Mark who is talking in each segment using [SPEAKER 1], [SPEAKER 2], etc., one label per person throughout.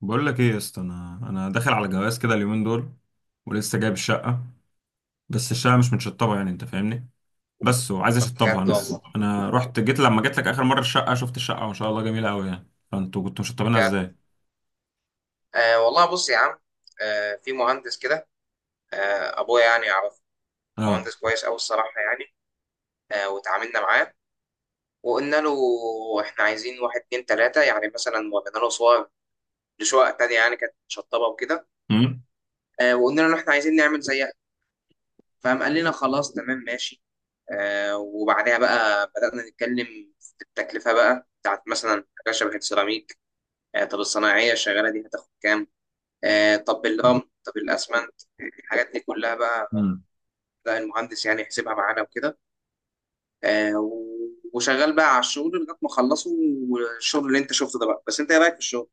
[SPEAKER 1] بقول لك ايه يا اسطى، انا داخل على جواز كده اليومين دول. ولسه جايب الشقه. بس الشقه مش متشطبه، يعني انت فاهمني. بس وعايز
[SPEAKER 2] طب
[SPEAKER 1] اشطبها.
[SPEAKER 2] بجد
[SPEAKER 1] انا س-
[SPEAKER 2] والله.
[SPEAKER 1] انا جيت لما جيت لك اخر مره الشقه، شفت الشقه وما شاء الله جميله قوي يعني، فانتوا كنتوا مشطبينها
[SPEAKER 2] بجد.
[SPEAKER 1] ازاي؟
[SPEAKER 2] آه والله، بص يا عم. آه، في مهندس كده، آه ابويا يعني يعرف.
[SPEAKER 1] اه.
[SPEAKER 2] مهندس كويس قوي الصراحه يعني. آه وتعاملنا معاه وقلنا له احنا عايزين واحد اتنين تلاته، يعني مثلا ورينا له صور لشقق تانيه يعني كانت شطبه وكده.
[SPEAKER 1] امم.
[SPEAKER 2] آه وقلنا له احنا عايزين نعمل زيها، فقام قال لنا خلاص تمام ماشي. آه وبعدها بقى بدأنا نتكلم في التكلفه بقى بتاعت مثلا حاجه شبه السيراميك. آه، طب الصناعيه الشغاله دي هتاخد كام؟ آه، طب اللمب، طب الاسمنت، الحاجات دي كلها بقى.
[SPEAKER 1] امم.
[SPEAKER 2] لا، المهندس يعني يحسبها معانا وكده. آه، و- وشغال بقى على الشغل لغايه ما اخلصه. والشغل اللي انت شفته ده بقى، بس انت ايه رايك في الشغل؟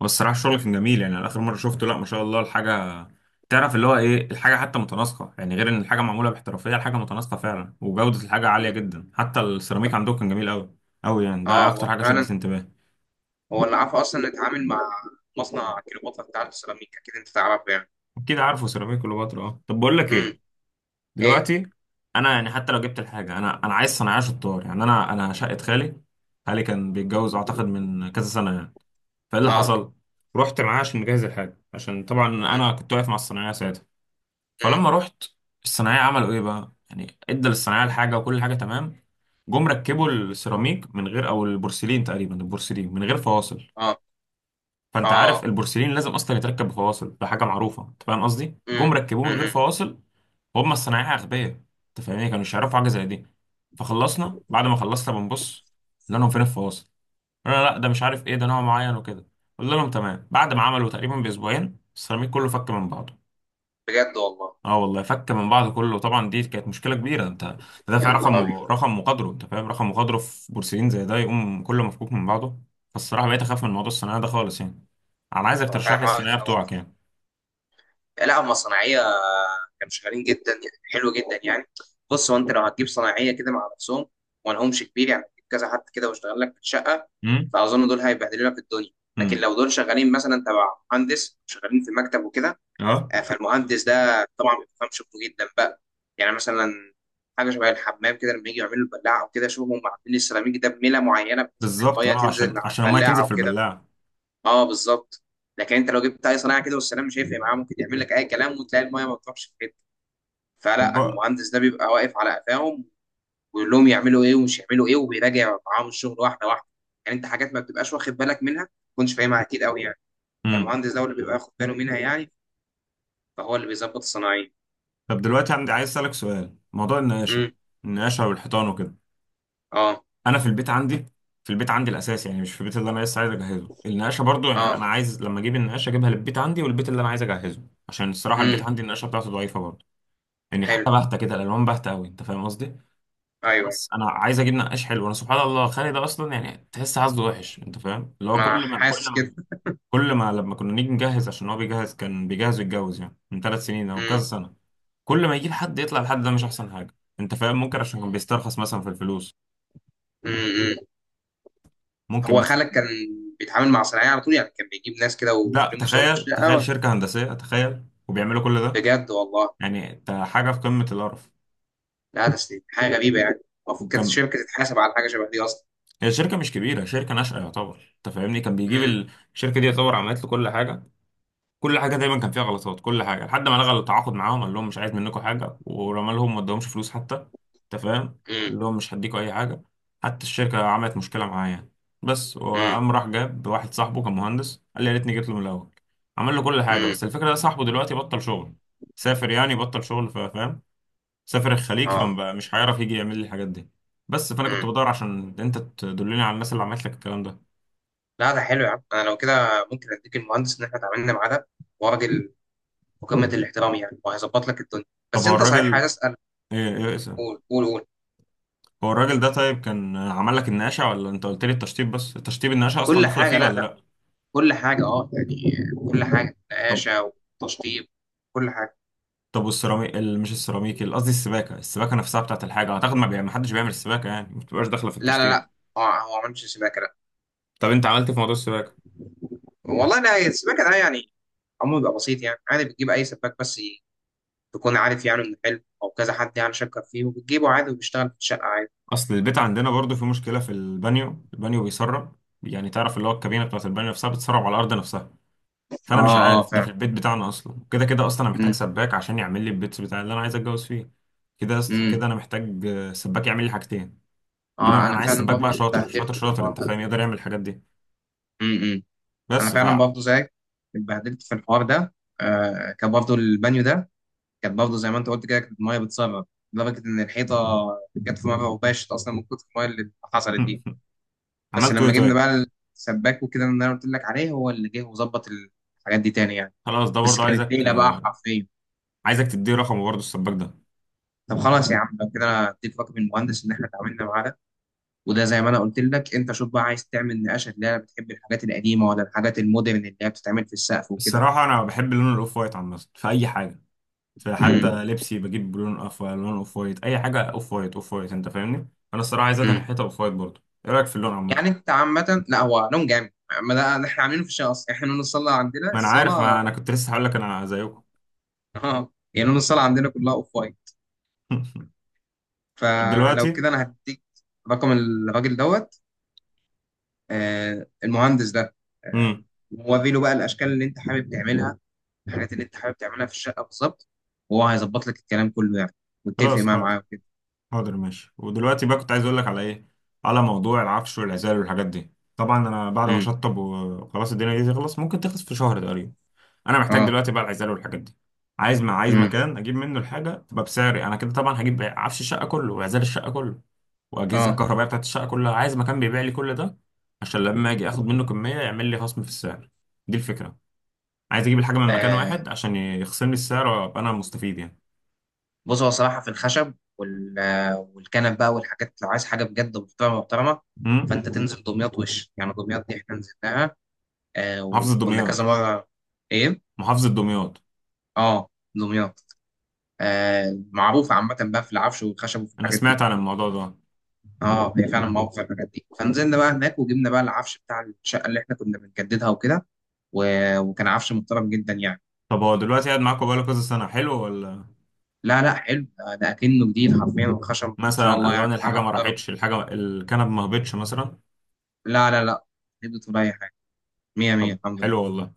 [SPEAKER 1] والصراحه الشغل كان جميل، يعني أنا اخر مره شفته، لا ما شاء الله الحاجه. تعرف اللي هو ايه، الحاجه حتى متناسقه يعني، غير ان الحاجه معموله باحترافيه، الحاجه متناسقه فعلا وجوده الحاجه عاليه
[SPEAKER 2] مم.
[SPEAKER 1] جدا، حتى السيراميك عندكم كان جميل قوي. قوي يعني،
[SPEAKER 2] اه،
[SPEAKER 1] ده اكتر
[SPEAKER 2] هو
[SPEAKER 1] حاجه شدت
[SPEAKER 2] فعلا.
[SPEAKER 1] انتباهي.
[SPEAKER 2] هو اللي عارف اصلا نتعامل مع مصنع كليوباترا بتاع السيراميك، اكيد انت تعرفه يعني.
[SPEAKER 1] اكيد عارفه سيراميك كليوباترا. اه، طب بقول لك
[SPEAKER 2] امم.
[SPEAKER 1] ايه.
[SPEAKER 2] ايه.
[SPEAKER 1] دلوقتي. انا يعني حتى لو جبت الحاجه، انا عايز صنايعيه شطار، يعني انا شقه خالي. خالي كان بيتجوز اعتقد من كذا سنه يعني. فايه اللي
[SPEAKER 2] اه.
[SPEAKER 1] حصل. رحت معاه عشان نجهز الحاجه، عشان طبعا
[SPEAKER 2] مم.
[SPEAKER 1] انا كنت واقف مع الصنايعيه ساعتها.
[SPEAKER 2] مم.
[SPEAKER 1] فلما رحت، الصنايعيه عملوا ايه بقى، يعني ادى للصنايعيه الحاجه وكل حاجه تمام. جم ركبوا السيراميك من غير، او البورسلين تقريبا، البورسلين من غير فواصل.
[SPEAKER 2] اه.
[SPEAKER 1] فانت عارف
[SPEAKER 2] اه.
[SPEAKER 1] البورسلين لازم اصلا يتركب بفواصل، ده حاجه معروفه، انت فاهم قصدي، جم
[SPEAKER 2] امم.
[SPEAKER 1] ركبوه من غير
[SPEAKER 2] امم.
[SPEAKER 1] فواصل. وهم الصنايعيه اغبياء. انت فاهمني، كانوا مش يعرفوا حاجه زي دي. فخلصنا، بعد ما خلصنا بنبص، قلنا لهم فين الفواصل. قلنا لا، ده مش عارف ايه، ده نوع معين وكده. قلنا لهم تمام. بعد ما عملوا تقريبا باسبوعين، السيراميك كله فك من بعضه.
[SPEAKER 2] بجد والله.
[SPEAKER 1] اه والله فك من بعض كله، طبعا دي كانت مشكله كبيره. انت
[SPEAKER 2] يا
[SPEAKER 1] تدافع
[SPEAKER 2] نهار
[SPEAKER 1] رقم
[SPEAKER 2] ابيض.
[SPEAKER 1] رقم وقدره، انت فاهم، رقم وقدره في بورسلين زي ده يقوم كله مفكوك من بعضه. فالصراحه بقيت اخاف من موضوع الثانويه ده خالص يعني. انا عايزك
[SPEAKER 2] هو
[SPEAKER 1] ترشح
[SPEAKER 2] فعلا
[SPEAKER 1] لي
[SPEAKER 2] حوار
[SPEAKER 1] الثانويه بتوعك
[SPEAKER 2] يخوف.
[SPEAKER 1] يعني.
[SPEAKER 2] لا، هم صناعيه كانوا شغالين جدا يعني، حلو جدا يعني. بص، هو انت لو هتجيب صناعيه كده مع نفسهم ومالهمش كبير، يعني هتجيب كذا حد كده واشتغل لك في الشقه،
[SPEAKER 1] امم.
[SPEAKER 2] فاظن دول هيبهدلوا لك الدنيا. لكن
[SPEAKER 1] امم.
[SPEAKER 2] لو دول شغالين مثلا تبع مهندس، شغالين في مكتب وكده،
[SPEAKER 1] اه
[SPEAKER 2] آه، فالمهندس ده طبعا بيفهم شغله جدا بقى. يعني مثلا حاجه شبه الحمام كده، لما يجي يعملوا البلاعه او كده، شوفوا هم عاملين السيراميك ده بميله معينه، بحيث ان
[SPEAKER 1] بالظبط،
[SPEAKER 2] الميه
[SPEAKER 1] اه
[SPEAKER 2] تنزل
[SPEAKER 1] عشان
[SPEAKER 2] على
[SPEAKER 1] عشان الميه تنزل
[SPEAKER 2] البلاعه
[SPEAKER 1] في
[SPEAKER 2] وكده.
[SPEAKER 1] البلاعه.
[SPEAKER 2] اه بالظبط. لكن انت لو جبت اي صناعه كده والسلام، مش هيفرق معاه، ممكن يعمل لك اي كلام وتلاقي المايه ما بتروحش في حته.
[SPEAKER 1] طب
[SPEAKER 2] فلا،
[SPEAKER 1] بقى.
[SPEAKER 2] المهندس ده بيبقى واقف على قفاهم ويقول لهم يعملوا ايه ومش يعملوا ايه، وبيراجع معاهم الشغل واحده واحده. يعني انت حاجات ما بتبقاش واخد بالك منها، ما تكونش فاهمها اكيد قوي يعني.
[SPEAKER 1] امم.
[SPEAKER 2] فالمهندس ده هو اللي بيبقى واخد باله منها يعني، فهو اللي بيظبط الصناعيه.
[SPEAKER 1] طب دلوقتي عندي، عايز اسالك سؤال موضوع النقاشه.
[SPEAKER 2] امم.
[SPEAKER 1] النقاشه والحيطان وكده.
[SPEAKER 2] اه.
[SPEAKER 1] انا في البيت عندي، في البيت عندي الاساس يعني، مش في البيت اللي انا لسه عايز اجهزه. النقاشه برضو، يعني
[SPEAKER 2] اه.
[SPEAKER 1] انا عايز لما اجيب النقاشه اجيبها للبيت عندي والبيت اللي انا عايز اجهزه. عشان الصراحه البيت
[SPEAKER 2] امم.
[SPEAKER 1] عندي النقاشه بتاعته ضعيفه برضو. يعني الحاجه
[SPEAKER 2] حلو.
[SPEAKER 1] باهته كده، الالوان باهته قوي، انت فاهم قصدي.
[SPEAKER 2] ايوه ايوه.
[SPEAKER 1] بس انا عايز اجيب نقاش حلو. انا سبحان الله، خالي ده اصلا يعني تحس عزله وحش، انت فاهم، اللي هو
[SPEAKER 2] ما
[SPEAKER 1] كل ما كل
[SPEAKER 2] حاسس
[SPEAKER 1] ما
[SPEAKER 2] كده.
[SPEAKER 1] كل ما لما كنا نيجي نجهز، عشان هو بيجهز كان بيجهز يتجوز يعني من 3 سنين او كذا
[SPEAKER 2] امم.
[SPEAKER 1] سنه. كل ما يجيب حد يطلع الحد ده مش احسن حاجه. انت فاهم، ممكن عشان كان بيسترخص مثلا في الفلوس.
[SPEAKER 2] امم.
[SPEAKER 1] ممكن
[SPEAKER 2] هو خالك كان
[SPEAKER 1] مثلا.
[SPEAKER 2] بيتعامل مع صناعيه على طول يعني؟ كان بيجيب ناس كده
[SPEAKER 1] لا
[SPEAKER 2] ويخليهم يشتغلوا في
[SPEAKER 1] تخيل،
[SPEAKER 2] الشقه،
[SPEAKER 1] تخيل
[SPEAKER 2] ولا؟
[SPEAKER 1] شركة هندسية، تخيل وبيعملوا كل ده.
[SPEAKER 2] بجد والله.
[SPEAKER 1] يعني انت، حاجة في قمة القرف.
[SPEAKER 2] لا، تسليم حاجه غريبه يعني، المفروض كانت
[SPEAKER 1] كان،
[SPEAKER 2] الشركه تتحاسب على حاجه شبه دي اصلا.
[SPEAKER 1] هي شركة مش كبيرة، شركة ناشئة يعتبر، انت فاهمني، كان بيجيب
[SPEAKER 2] امم.
[SPEAKER 1] الشركة دي يعتبر عملت له كل حاجة. كل حاجه دايما كان فيها غلطات، كل حاجه، لحد ما لغى التعاقد معاهم، قال لهم مش عايز منكم حاجه، ورمى لهم ما ادهمش فلوس حتى. انت فاهم،
[SPEAKER 2] امم.
[SPEAKER 1] قال لهم مش هديكوا اي حاجه. حتى الشركه عملت مشكله معاه يعني. بس
[SPEAKER 2] امم.
[SPEAKER 1] وقام راح جاب واحد صاحبه كان مهندس، قال لي يا ريتني جيت له من الاول. عمل له كل حاجه،
[SPEAKER 2] امم.
[SPEAKER 1] بس الفكره ده صاحبه دلوقتي بطل شغل. سافر يعني بطل شغل، فاهم. سافر الخليج،
[SPEAKER 2] اه.
[SPEAKER 1] فمش هيعرف يجي يعمل لي الحاجات دي. بس فانا كنت
[SPEAKER 2] امم.
[SPEAKER 1] بدور عشان انت تدلني على الناس اللي عملت لك الكلام ده.
[SPEAKER 2] لا، ده حلو يا عم. انا لو كده ممكن اديك المهندس ان احنا اتعاملنا معاه ده، وراجل مقامة الاحترام يعني، وهيظبط لك الدنيا.
[SPEAKER 1] طب
[SPEAKER 2] بس
[SPEAKER 1] هو
[SPEAKER 2] انت صحيح عايز
[SPEAKER 1] الراجل،
[SPEAKER 2] اسال.
[SPEAKER 1] ايه؟
[SPEAKER 2] قول قول قول.
[SPEAKER 1] هو الراجل ده طيب، كان عمل لك النقاشة ولا انت قلت لي التشطيب بس، التشطيب النقاشة اصلا
[SPEAKER 2] كل
[SPEAKER 1] داخلة
[SPEAKER 2] حاجه،
[SPEAKER 1] فيه
[SPEAKER 2] لا
[SPEAKER 1] ولا
[SPEAKER 2] لا،
[SPEAKER 1] لا؟
[SPEAKER 2] كل حاجه اه يعني، كل حاجه
[SPEAKER 1] طب
[SPEAKER 2] نقاشه وتشطيب، كل حاجه.
[SPEAKER 1] طب والسيراميك ال- مش السيراميك ال- قصدي السباكة، السباكة نفسها بتاعت الحاجة اعتقد، ما حدش بيعمل السباكة، يعني ما بتبقاش داخلة في
[SPEAKER 2] لا لا
[SPEAKER 1] التشطيب.
[SPEAKER 2] لا، هو ما عملش سباكه، لا.
[SPEAKER 1] طب انت عملت في موضوع السباكة؟
[SPEAKER 2] والله لا، السباكه ده يعني عمره بيبقى بسيط يعني، عادي، بتجيب اي سباك، بس تكون عارف يعني انه حلو او كذا حد يعني شكر فيه، وبتجيبه عادي، وبيشتغل في الشقه عادي.
[SPEAKER 1] اصل البيت عندنا برضو في مشكلة في البانيو، البانيو بيسرب. يعني تعرف اللي هو الكابينة بتاعت البانيو نفسها بتسرب على الارض نفسها.
[SPEAKER 2] اه.
[SPEAKER 1] فانا مش
[SPEAKER 2] اه
[SPEAKER 1] عارف ده، في
[SPEAKER 2] فعلا.
[SPEAKER 1] البيت بتاعنا اصلا كده كده، اصلا انا محتاج
[SPEAKER 2] امم.
[SPEAKER 1] سباك عشان يعمل لي البيت بتاع اللي انا عايز اتجوز فيه. كده.
[SPEAKER 2] امم.
[SPEAKER 1] كده انا محتاج سباك يعمل لي حاجتين.
[SPEAKER 2] اه،
[SPEAKER 1] انا
[SPEAKER 2] انا
[SPEAKER 1] عايز
[SPEAKER 2] فعلا
[SPEAKER 1] سباك بقى
[SPEAKER 2] برضه
[SPEAKER 1] شاطر شاطر
[SPEAKER 2] اتبهدلت في
[SPEAKER 1] شاطر،
[SPEAKER 2] الحوار
[SPEAKER 1] انت
[SPEAKER 2] ده.
[SPEAKER 1] فاهم يقدر يعمل الحاجات دي.
[SPEAKER 2] امم. انا
[SPEAKER 1] بس ف
[SPEAKER 2] فعلا برضه زيك، اتبهدلت في الحوار ده. آه، كان برضه البانيو ده كان برضه زي ما انت قلت كده، كانت الميه بتسرب لدرجه ان الحيطه جت في مره وباشت اصلا من كتر الميه اللي حصلت دي. بس
[SPEAKER 1] عملت ايه
[SPEAKER 2] لما جبنا
[SPEAKER 1] طيب؟
[SPEAKER 2] بقى السباك وكده، اللي انا قلت لك عليه، هو اللي جه وظبط الحاجات دي تاني يعني.
[SPEAKER 1] خلاص ده
[SPEAKER 2] بس
[SPEAKER 1] برضه
[SPEAKER 2] كانت ليله بقى حرفيا.
[SPEAKER 1] عايزك تديه رقمه برضه السباك ده.
[SPEAKER 2] طب خلاص يا عم، لو كده انا اتفق من المهندس ان احنا اتعاملنا معاه ده. وده زي ما انا قلت لك، انت شوف بقى، عايز تعمل نقاشه اللي هي بتحب الحاجات القديمه ولا الحاجات المودرن اللي هي بتتعمل في السقف وكده.
[SPEAKER 1] الصراحه انا بحب لون الاوف وايت عامه في اي حاجه. في حتى
[SPEAKER 2] امم.
[SPEAKER 1] لبسي بجيب لون اوف وايت، اي حاجه اوف وايت اوف وايت، انت فاهمني. انا الصراحه عايزها
[SPEAKER 2] امم.
[SPEAKER 1] تنحيتها اوف وايت برضه، ايه رايك في اللون عامه؟
[SPEAKER 2] يعني انت عامه، لا هو لون جامد، ما ده اللي احنا عاملينه في الشقه اصلا. احنا لون الصاله عندنا،
[SPEAKER 1] ما انا عارف، ما انا
[SPEAKER 2] الصاله
[SPEAKER 1] كنت لسه هقول لك انا زيكم.
[SPEAKER 2] اه، يعني لون الصاله عندنا كلها اوف وايت.
[SPEAKER 1] طب
[SPEAKER 2] فلو
[SPEAKER 1] دلوقتي.
[SPEAKER 2] كده انا هديك رقم الراجل دوت آه، المهندس ده، آه.
[SPEAKER 1] امم.
[SPEAKER 2] ووري له بقى الاشكال اللي انت حابب تعملها، الحاجات اللي انت حابب تعملها في الشقه بالظبط، وهو هيظبط لك الكلام كله يعني. واتفق
[SPEAKER 1] خلاص
[SPEAKER 2] معاه
[SPEAKER 1] حاضر.
[SPEAKER 2] معاه وكده.
[SPEAKER 1] حاضر ماشي، ودلوقتي بقى كنت عايز اقول لك على ايه. على موضوع العفش والعزال والحاجات دي. طبعا انا بعد ما
[SPEAKER 2] امم.
[SPEAKER 1] اشطب وخلاص الدنيا دي تخلص، ممكن تخلص في شهر تقريبا. انا محتاج
[SPEAKER 2] اه.
[SPEAKER 1] دلوقتي بقى العزال والحاجات دي. عايز، ما عايز
[SPEAKER 2] امم.
[SPEAKER 1] مكان اجيب منه الحاجه تبقى بسعري انا كده، طبعا هجيب عفش الشقه كله وعزال الشقه كله. واجهزه
[SPEAKER 2] اه.
[SPEAKER 1] الكهربائيه بتاعت الشقه كلها، عايز مكان بيبيع لي كل ده. عشان لما اجي اخد منه كميه يعمل لي خصم في السعر. دي الفكره. عايز اجيب الحاجه من مكان
[SPEAKER 2] آه،
[SPEAKER 1] واحد عشان يخصم لي السعر وابقى انا مستفيد يعني.
[SPEAKER 2] بص، هو صراحه في الخشب وال آه، والكنب بقى والحاجات، لو عايز حاجه بجد محترمه محترمه،
[SPEAKER 1] امم.
[SPEAKER 2] فانت تنزل دمياط وش. يعني دمياط دي احنا نزلناها، آه
[SPEAKER 1] محافظه
[SPEAKER 2] وكنا كذا
[SPEAKER 1] دمياط؟
[SPEAKER 2] مره. ايه.
[SPEAKER 1] محافظه دمياط.
[SPEAKER 2] اه دمياط. آه، معروفه عامه بقى في العفش والخشب وفي
[SPEAKER 1] انا
[SPEAKER 2] الحاجات دي.
[SPEAKER 1] سمعت عن الموضوع ده.
[SPEAKER 2] اه هي فعلا معروفه في الحاجات دي. فنزلنا بقى هناك وجبنا بقى العفش بتاع الشقه اللي احنا كنا بنجددها وكده، و- وكان عفش محترم جدا يعني.
[SPEAKER 1] طب هو دلوقتي قاعد معاكم بقاله كذا سنه، حلو ولا؟
[SPEAKER 2] لا لا، حلو ده، ده اكنه جديد حرفيا. الخشب ان شاء
[SPEAKER 1] مثلا
[SPEAKER 2] الله
[SPEAKER 1] الوان
[SPEAKER 2] يعني حاجه
[SPEAKER 1] الحاجه ما
[SPEAKER 2] محترمه.
[SPEAKER 1] راحتش، الحاجه الكنب ما هبطش مثلا.
[SPEAKER 2] لا لا لا، جبت ولا اي حاجه، مية مية
[SPEAKER 1] طب
[SPEAKER 2] الحمد
[SPEAKER 1] حلو
[SPEAKER 2] لله.
[SPEAKER 1] والله.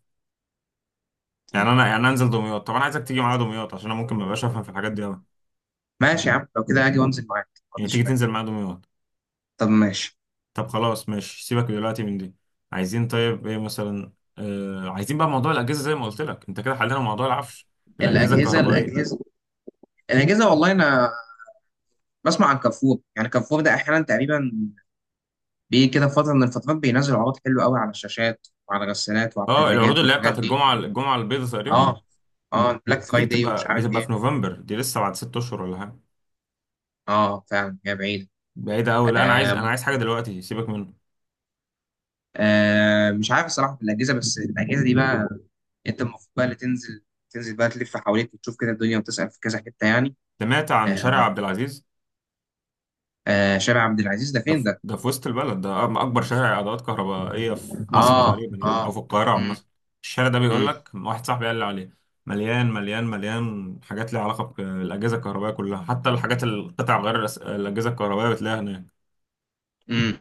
[SPEAKER 1] يعني
[SPEAKER 2] طيب،
[SPEAKER 1] انا، يعني انزل دمياط. طب انا عايزك تيجي معايا دمياط، عشان انا ممكن ما ابقاش افهم في الحاجات دي قوي.
[SPEAKER 2] ماشي يا عم، لو كده اجي وانزل معاك، ما
[SPEAKER 1] يعني تيجي
[SPEAKER 2] عنديش مانع.
[SPEAKER 1] تنزل معايا دمياط؟
[SPEAKER 2] طب ماشي.
[SPEAKER 1] طب خلاص ماشي، سيبك دلوقتي من دي. عايزين طيب ايه مثلا. عايزين بقى موضوع الاجهزه، زي ما قلت لك انت كده حلينا موضوع العفش. الاجهزه
[SPEAKER 2] الاجهزه،
[SPEAKER 1] الكهربائيه.
[SPEAKER 2] الاجهزه والله انا بسمع عن كارفور. يعني كارفور ده احيانا تقريبا بيجي كده فتره من الفترات بينزل عروض حلوه قوي على الشاشات وعلى الغسالات وعلى
[SPEAKER 1] اه، العروض
[SPEAKER 2] الثلاجات
[SPEAKER 1] اللي هي
[SPEAKER 2] والحاجات
[SPEAKER 1] بتاعت
[SPEAKER 2] دي.
[SPEAKER 1] الجمعه البيضاء تقريبا.
[SPEAKER 2] اه. اه، بلاك
[SPEAKER 1] دي
[SPEAKER 2] فرايداي ومش
[SPEAKER 1] بتبقى
[SPEAKER 2] عارف
[SPEAKER 1] بتبقى
[SPEAKER 2] ايه.
[SPEAKER 1] في نوفمبر، دي لسه بعد 6 اشهر ولا حاجه.
[SPEAKER 2] اه فعلا، هي بعيد.
[SPEAKER 1] بعيدة أوي، لا أنا عايز أنا
[SPEAKER 2] آه.
[SPEAKER 1] عايز حاجة دلوقتي، سيبك منه.
[SPEAKER 2] آه، مش عارف الصراحه في الاجهزه، بس الاجهزه دي بقى انت المفروض بقى اللي تنزل، تنزل بقى، تلف حواليك وتشوف كده الدنيا وتسال في كذا حته يعني.
[SPEAKER 1] سمعت عن شارع
[SPEAKER 2] آه.
[SPEAKER 1] عبد العزيز.
[SPEAKER 2] آه، شارع عبد العزيز ده فين ده؟
[SPEAKER 1] ده في وسط البلد، ده أكبر شارع عدوات كهربائية في مصر
[SPEAKER 2] اه.
[SPEAKER 1] تقريبا يعني، أو
[SPEAKER 2] اه.
[SPEAKER 1] في القاهرة عامة.
[SPEAKER 2] امم.
[SPEAKER 1] الشارع ده، بيقول
[SPEAKER 2] امم.
[SPEAKER 1] لك واحد صاحبي قال لي عليه، مليان مليان مليان حاجات ليها علاقة بالأجهزة الكهربائية كلها، حتى الحاجات القطع غير الأجهزة الكهربائية بتلاقيها هناك.
[SPEAKER 2] امم.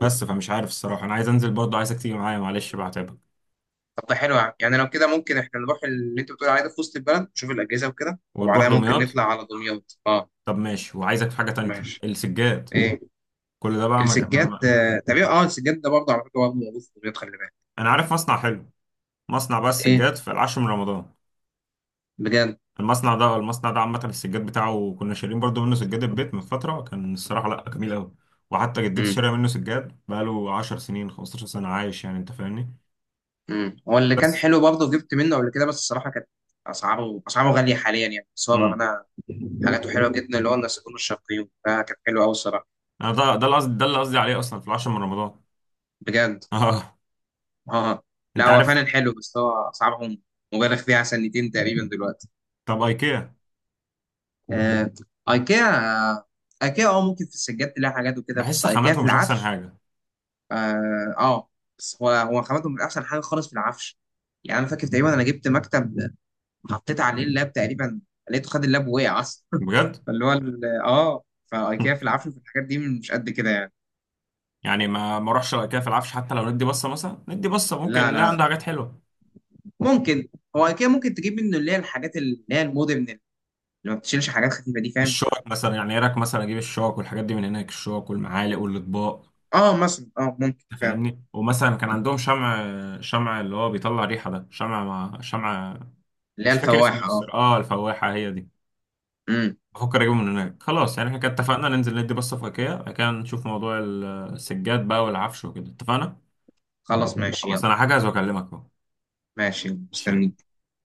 [SPEAKER 1] بس فمش عارف الصراحة، أنا عايز أنزل برضه، عايزك تيجي معايا معلش بقى هتعبك.
[SPEAKER 2] طب ده حلو يعني. يعني لو كده ممكن احنا نروح اللي انت بتقول عليه ده في وسط البلد، نشوف الاجهزه وكده،
[SPEAKER 1] ونروح
[SPEAKER 2] وبعدها ممكن
[SPEAKER 1] دمياط.
[SPEAKER 2] نطلع على دمياط، اه.
[SPEAKER 1] طب ماشي، وعايزك في حاجة تانية.
[SPEAKER 2] ماشي.
[SPEAKER 1] السجاد.
[SPEAKER 2] ايه.
[SPEAKER 1] كل ده بقى
[SPEAKER 2] السجاد، آه، تقريبا، اه السجاد ده برضه على فكره برضه موجود في دمياط، خلي بالك.
[SPEAKER 1] أنا عارف مصنع حلو، مصنع بقى
[SPEAKER 2] ايه.
[SPEAKER 1] السجاد في العاشر من رمضان.
[SPEAKER 2] بجد.
[SPEAKER 1] المصنع ده عامة، السجاد بتاعه كنا شارين برضو منه سجاد البيت من فترة، كان الصراحة لأ جميل أوي. وحتى جدتي شارية منه سجاد بقاله 10 سنين 15 سنة عايش، يعني أنت فاهمني.
[SPEAKER 2] امم، هو اللي كان
[SPEAKER 1] بس.
[SPEAKER 2] حلو برضه، جبت منه قبل كده، بس الصراحه كانت اسعاره، اسعاره غاليه حاليا يعني. بس هو
[SPEAKER 1] امم.
[SPEAKER 2] بامانه حاجاته حلوه جدا، اللي هو النسيجون الشرقيون ده كان حلو قوي الصراحه.
[SPEAKER 1] أنا ده القصد، ده اللي قصدي عليه أصلا في العاشر من رمضان.
[SPEAKER 2] بجد.
[SPEAKER 1] آه.
[SPEAKER 2] اه. لا،
[SPEAKER 1] أنت
[SPEAKER 2] هو
[SPEAKER 1] عارف.
[SPEAKER 2] فعلا حلو، بس هو اسعارهم مبالغ فيها سنتين تقريبا دلوقتي.
[SPEAKER 1] طب أيكيا.
[SPEAKER 2] آه. ايكيا. آه. ايكيا، اه ممكن في السجاد تلاقي حاجات وكده، بس
[SPEAKER 1] بحس
[SPEAKER 2] ايكيا
[SPEAKER 1] خاماتهم
[SPEAKER 2] في
[SPEAKER 1] مش أحسن
[SPEAKER 2] العفش،
[SPEAKER 1] حاجة.
[SPEAKER 2] اه، آه. بس هو، هو خامته من احسن حاجه خالص في العفش. يعني انا فاكر تقريبا انا جبت مكتب، حطيت عليه اللاب تقريبا، لقيته خد اللاب ووقع اصلا.
[SPEAKER 1] بجد؟
[SPEAKER 2] فاللي هو فايكيا في العافيه في الحاجات دي مش قد كده يعني.
[SPEAKER 1] يعني ما اروحش على ايكيا في العفش، حتى لو ندي بصة مثلا، ندي بصة ممكن
[SPEAKER 2] لا
[SPEAKER 1] نلاقي
[SPEAKER 2] لا لا،
[SPEAKER 1] عنده حاجات حلوة.
[SPEAKER 2] ممكن. هو ايكيا ممكن تجيب منه اللي هي الحاجات اللي هي المودرن، اللي ما بتشيلش حاجات خفيفه دي، فاهم.
[SPEAKER 1] الشوك مثلا، يعني ايه رايك مثلا اجيب الشوك والحاجات دي من هناك، الشوك والمعالق والاطباق.
[SPEAKER 2] اه مثلا، اه ممكن
[SPEAKER 1] انت
[SPEAKER 2] فعلا.
[SPEAKER 1] فاهمني، ومثلا كان عندهم شمع. شمع اللي هو بيطلع ريحه ده، شمع مع شمع.
[SPEAKER 2] اللي هي
[SPEAKER 1] مش فاكر اسمه ايه
[SPEAKER 2] الفواحه، اه.
[SPEAKER 1] الصراحة. اه، الفواحه هي دي.
[SPEAKER 2] امم.
[SPEAKER 1] بفكر اجيبه من هناك خلاص. يعني احنا كده
[SPEAKER 2] طب
[SPEAKER 1] اتفقنا ننزل ندي بصه في ايكيا، بعد كده نشوف موضوع السجاد بقى والعفش وكده، اتفقنا؟
[SPEAKER 2] خلاص ماشي،
[SPEAKER 1] خلاص
[SPEAKER 2] يلا.
[SPEAKER 1] انا هجهز واكلمك اهو.
[SPEAKER 2] ماشي،
[SPEAKER 1] ماشي، يلا.
[SPEAKER 2] مستني.